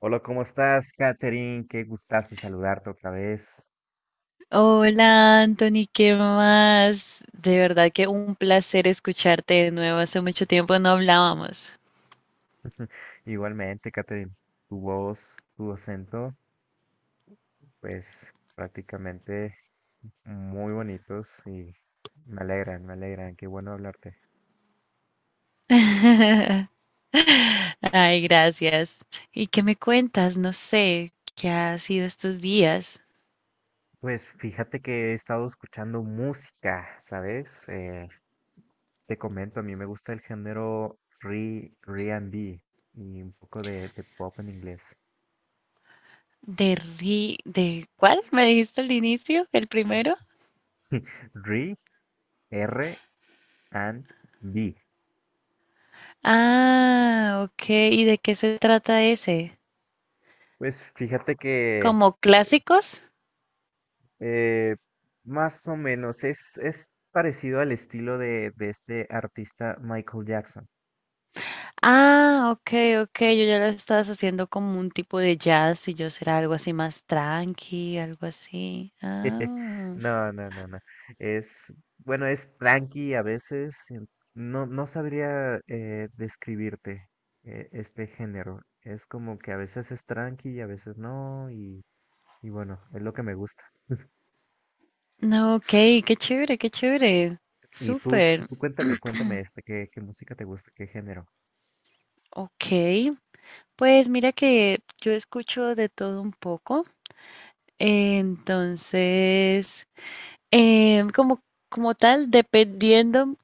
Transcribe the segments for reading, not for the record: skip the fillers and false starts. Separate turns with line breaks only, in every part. Hola, ¿cómo estás, Katherine? Qué gustazo saludarte otra vez.
Hola Anthony, ¿qué más? De verdad que un placer escucharte de nuevo. Hace mucho tiempo no hablábamos.
Igualmente, Katherine, tu voz, tu acento, pues prácticamente muy bonitos y me alegran, qué bueno hablarte.
Ay, gracias. ¿Y qué me cuentas? No sé, ¿qué ha sido estos días?
Pues fíjate que he estado escuchando música, ¿sabes? Te comento, a mí me gusta el género R, and B y un poco de pop en inglés.
¿De cuál? ¿Me dijiste al inicio? ¿El primero?
R, R and B.
Ah, ok. ¿Y de qué se trata ese?
Pues fíjate que
¿Como
eh,
clásicos?
Eh, más o menos, es parecido al estilo de este artista Michael Jackson.
Ah, ok, ok, yo ya la estaba haciendo como un tipo de jazz y yo será algo así más tranqui, algo así. Ah,
No, no, no, no. Es, bueno, es tranqui a veces. No, no sabría describirte, este género. Es como que a veces es tranqui y a veces no. Y bueno, es lo que me gusta.
no, ok, qué chévere, qué chévere.
Y tú,
Súper,
tú cuéntame, cuéntame este, ¿qué, qué música te gusta? ¿Qué género?
ok. Pues mira que yo escucho de todo un poco, entonces, em, como, como tal, dependiendo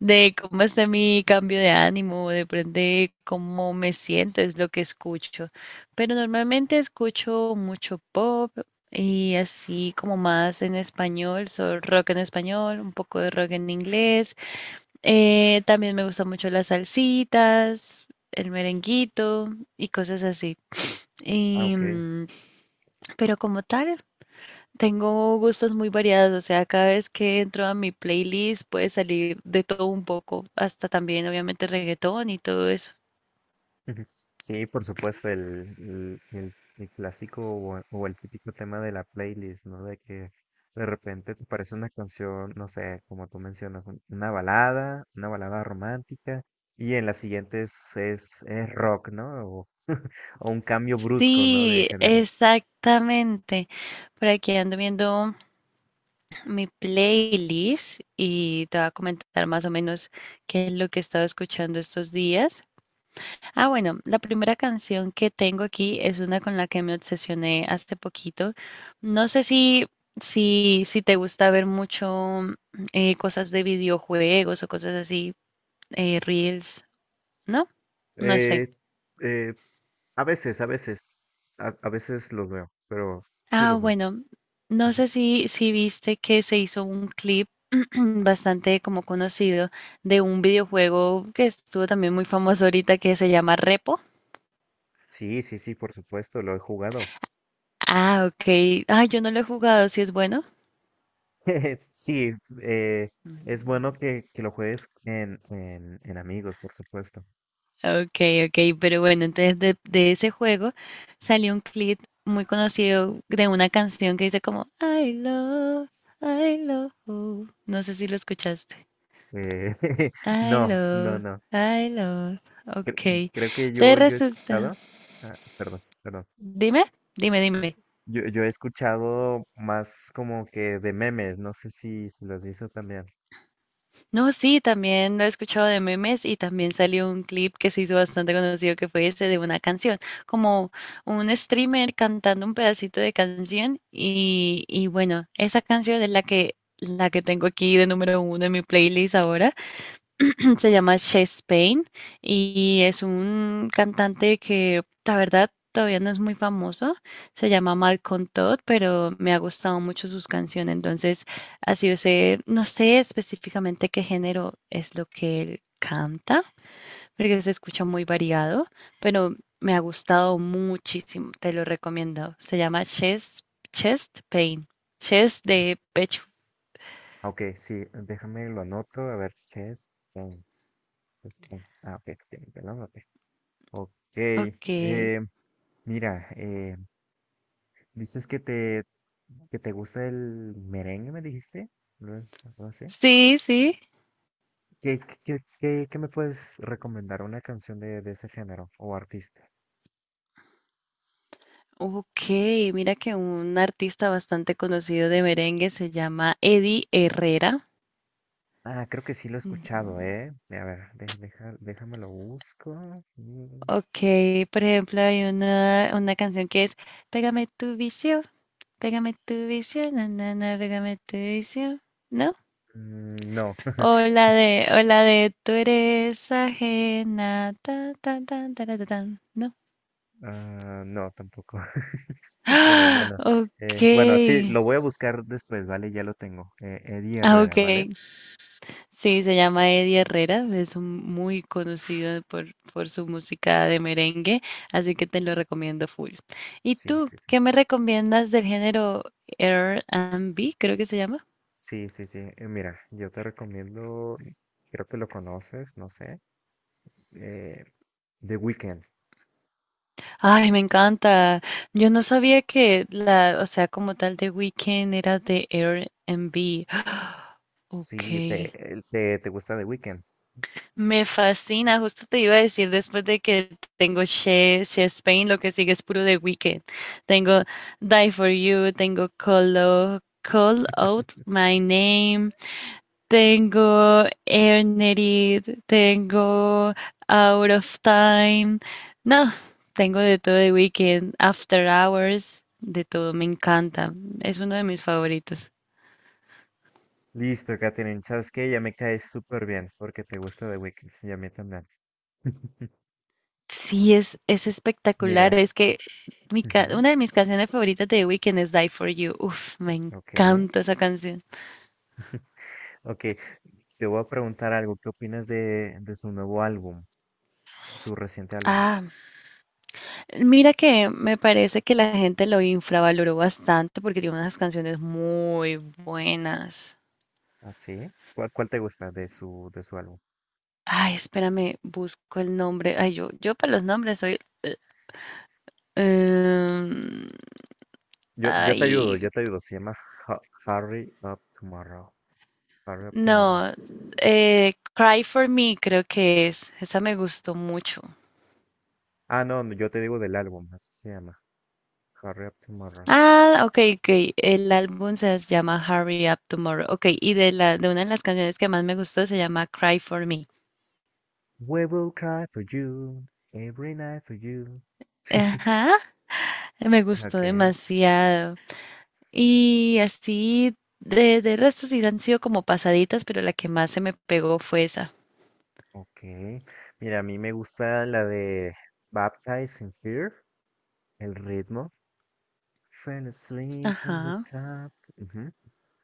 de cómo está mi cambio de ánimo, depende de cómo me siento, es lo que escucho. Pero normalmente escucho mucho pop y así como más en español, rock en español, un poco de rock en inglés. También me gustan mucho las salsitas, el merenguito y cosas así.
Ah,
Y,
ok.
pero como tal, tengo gustos muy variados, o sea, cada vez que entro a mi playlist puede salir de todo un poco, hasta también obviamente reggaetón y todo eso.
Ujú. Sí, por supuesto, el clásico o el típico tema de la playlist, ¿no? De que de repente te parece una canción, no sé, como tú mencionas, una balada romántica, y en la siguiente es rock, ¿no? O, o un cambio brusco, ¿no? De
Sí,
género.
exactamente. Por aquí ando viendo mi playlist y te voy a comentar más o menos qué es lo que he estado escuchando estos días. Ah, bueno, la primera canción que tengo aquí es una con la que me obsesioné hace poquito. No sé si te gusta ver mucho cosas de videojuegos o cosas así, reels, ¿no? No sé.
Eh, eh, a veces, a veces, a veces los veo, pero sí
Ah,
los veo.
bueno, no
Ajá.
sé si viste que se hizo un clip bastante como conocido de un videojuego que estuvo también muy famoso ahorita que se llama Repo.
Sí, sí, sí, por supuesto, lo he jugado.
Ah, ok. Ah, yo no lo he jugado, si es bueno.
Sí, eh, es bueno que lo juegues en amigos, por supuesto.
Okay, okay, pero bueno, entonces de ese juego salió un clip muy conocido de una canción que dice como I love, you". No sé si lo escuchaste.
Eh,
I
no, no,
love,
no.
I love, okay.
Creo que
Entonces
yo he
resulta,
escuchado, ah, perdón, perdón.
dime, dime,
eh,
dime.
yo he escuchado más como que de memes, no sé si, si lo has visto también.
No, sí, también lo he escuchado de memes y también salió un clip que se hizo bastante conocido que fue ese de una canción, como un streamer cantando un pedacito de canción y bueno, esa canción es la que tengo aquí de número uno en mi playlist ahora. Se llama Chest Pain y es un cantante que, la verdad, todavía no es muy famoso. Se llama Malcolm Todd, pero me ha gustado mucho sus canciones. Entonces, así yo sé, no sé específicamente qué género es lo que él canta, porque se escucha muy variado, pero me ha gustado muchísimo. Te lo recomiendo. Se llama Chest Pain, Chest de pecho.
Ah, ok, sí, déjame lo anoto, a ver qué es. Ah, ok, ya lo anoté. Ok,
Ok.
mira, dices que te gusta el merengue, me dijiste. No, no sé.
Sí, sí.
¿Qué, qué, qué, qué me puedes recomendar? ¿Una canción de ese género o artista?
Ok, mira que un artista bastante conocido de merengue se llama Eddie Herrera.
Ah, creo que sí lo he escuchado,
Mm.
¿eh? A ver, deja, déjame lo busco. Mm,
Ok, por ejemplo, hay una canción que es Pégame tu vicio, pégame tu vicio, na, na, na, pégame tu vicio, ¿no?
mm, no.
O la de Tú eres ajena, ta, ta, ta, ta, ta, ta, ta, ¿no?
Ah, no, tampoco. Pero
¡Ah!
bueno, bueno, sí,
Ok,
lo voy a buscar después, ¿vale? Ya lo tengo. Eddie
ah, ok,
Herrera, ¿vale?
sí, se llama Eddie Herrera, es muy conocido por su música de merengue, así que te lo recomiendo full. ¿Y
Sí,
tú,
sí, sí.
qué me recomiendas del género R&B, creo que se llama?
Sí, sí, sí. Mira, yo te recomiendo, creo que lo conoces, no sé, eh, The Weeknd.
Ay, me encanta. Yo no sabía que o sea, como tal de Weeknd era de R&B. Ok.
Sí, te, te, te gusta The Weeknd.
Me fascina, justo te iba a decir después de que tengo She Spain, lo que sigue es puro de Wicked. Tengo Die For You, tengo Call Out My Name, tengo Earned, tengo Out of Time. No, tengo de todo de Wicked, After Hours, de todo, me encanta. Es uno de mis favoritos.
Listo, Katherine, ¿sabes qué? Ya me caes súper bien porque te gusta The Weeknd y a mí también.
Sí, es,
Eh,
es espectacular.
mira,
Es que
ujú,
una de mis canciones favoritas de The Weeknd es Die For You. Uf, me
ok,
encanta esa canción.
ok. Te voy a preguntar algo. ¿Qué opinas de su nuevo álbum, su reciente álbum?
Ah, mira que me parece que la gente lo infravaloró bastante porque tiene unas canciones muy buenas.
¿Así? ¿Cuál, cuál te gusta de su álbum?
Ay, espérame, busco el nombre. Ay, yo para los nombres soy... eh, em,
Yo te ayudo,
ay,
yo te ayudo. Se llama Hurry Up Tomorrow. Hurry Up Tomorrow.
no. Cry For Me creo que es. Esa me gustó mucho.
Ah, no, no, yo te digo del álbum, así se llama. Hurry Up Tomorrow.
Ah, ok, ok. El álbum se llama Hurry Up Tomorrow. Ok, y
Así
de
es.
una de las canciones que más me gustó se llama Cry for Me.
We will cry for you, every night for you.
Ajá, me gustó
Okay,
demasiado. Y así, de resto sí han sido como pasaditas, pero la que más se me pegó fue esa.
okay. Mira, a mí me gusta la de Baptize in Fear, el ritmo. Fell asleep on the
Ajá,
top. Ujú.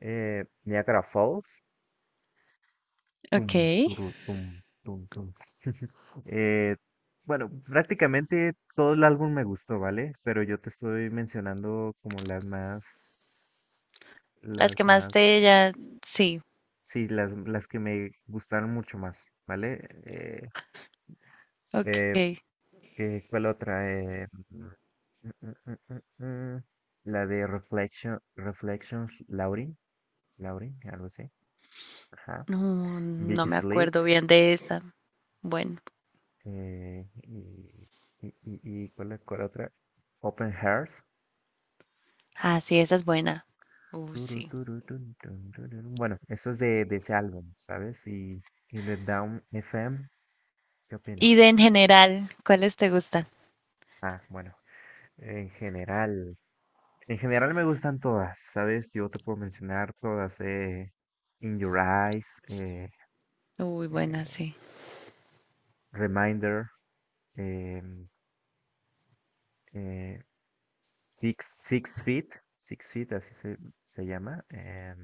Niagara Falls. Tum,
ok.
turu, tum, tum, tum. Eh, bueno, prácticamente todo el álbum me gustó, ¿vale? Pero yo te estoy mencionando como
Las que
las
más
más,
de ella, sí,
sí, las que me gustaron mucho más, ¿vale? Eh,
ok.
¿Cuál otra? Mm, mm, mm, mm, la de Reflection, Reflections, Laurie, Laurie, algo así. Ajá.
No, no
Big
me
Sleep.
acuerdo bien de esa. Bueno,
Y, y cuál, ¿cuál otra? Open Hearts.
ah, sí, esa es buena.
Turu,
Sí.
turu, tun, tun, tururú. Bueno, eso es de ese álbum, ¿sabes? Y de Down FM, ¿qué
Y
opinas?
de en general, ¿cuáles te gustan?
Ah, bueno, en general, en general me gustan todas, ¿sabes? Yo te puedo mencionar todas, In Your Eyes,
Uy, buena,
eh,
sí.
Reminder, eh, eh, Six, Six Feet, Six Feet, así se llama.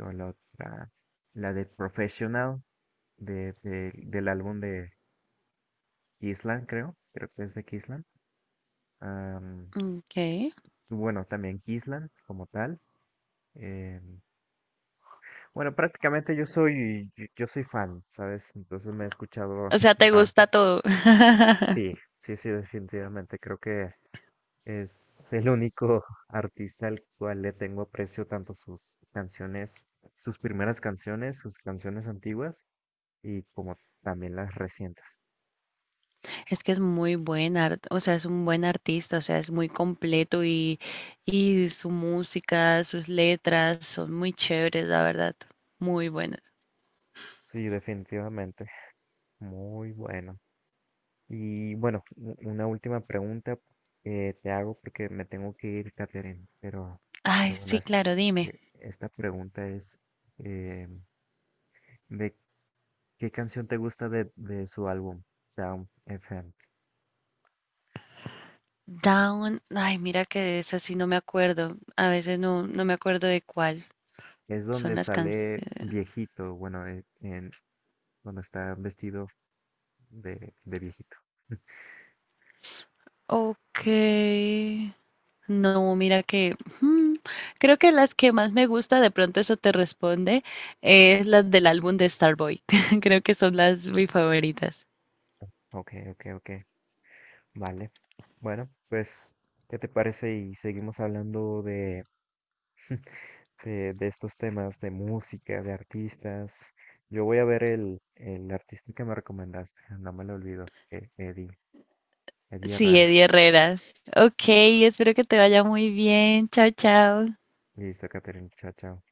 O la otra, la de Professional del álbum de Kisland, creo, creo que es de Kisland. Am,
Okay.
y bueno, también Kisland como tal. em, bueno, prácticamente yo soy fan, ¿sabes? Entonces me he escuchado,
O sea, te
ah,
gusta todo.
sí, sí, sí, definitivamente. Creo que es el único artista al cual le tengo aprecio tanto sus canciones, sus primeras canciones, sus canciones antiguas y como también las recientes.
Es que es muy buen o sea, es un buen artista, o sea, es muy completo y su música, sus letras son muy chéveres, la verdad. Muy buenas.
Sí, definitivamente. Muy bueno. Y bueno, una última pregunta que te hago porque me tengo que ir, Catherine, pero
Ay,
bueno,
sí, claro,
sí,
dime.
esta pregunta es eh, ¿de qué canción te gusta de su álbum, Sound FM?
Down, ay, mira que de esa sí no me acuerdo. A veces no, no me acuerdo de cuál
Es
son
donde
las
sale
canciones.
viejito, bueno, cuando está vestido de viejito.
Ok. No, mira que creo que las que más me gusta, de pronto eso te responde, es las del álbum de Starboy. Creo que son las mis favoritas.
Ok, ok, ok. Vale. Bueno, pues, ¿qué te parece? Y seguimos hablando de, de estos temas de música, de artistas. Yo voy a ver el artista que me recomendaste. No me lo olvido. Eh, Eddie, Eddie
Sí,
Herrera.
Eddie Herreras. Ok, espero que te vaya muy bien. Chao, chao.
Listo, Catherine. Chao, chao.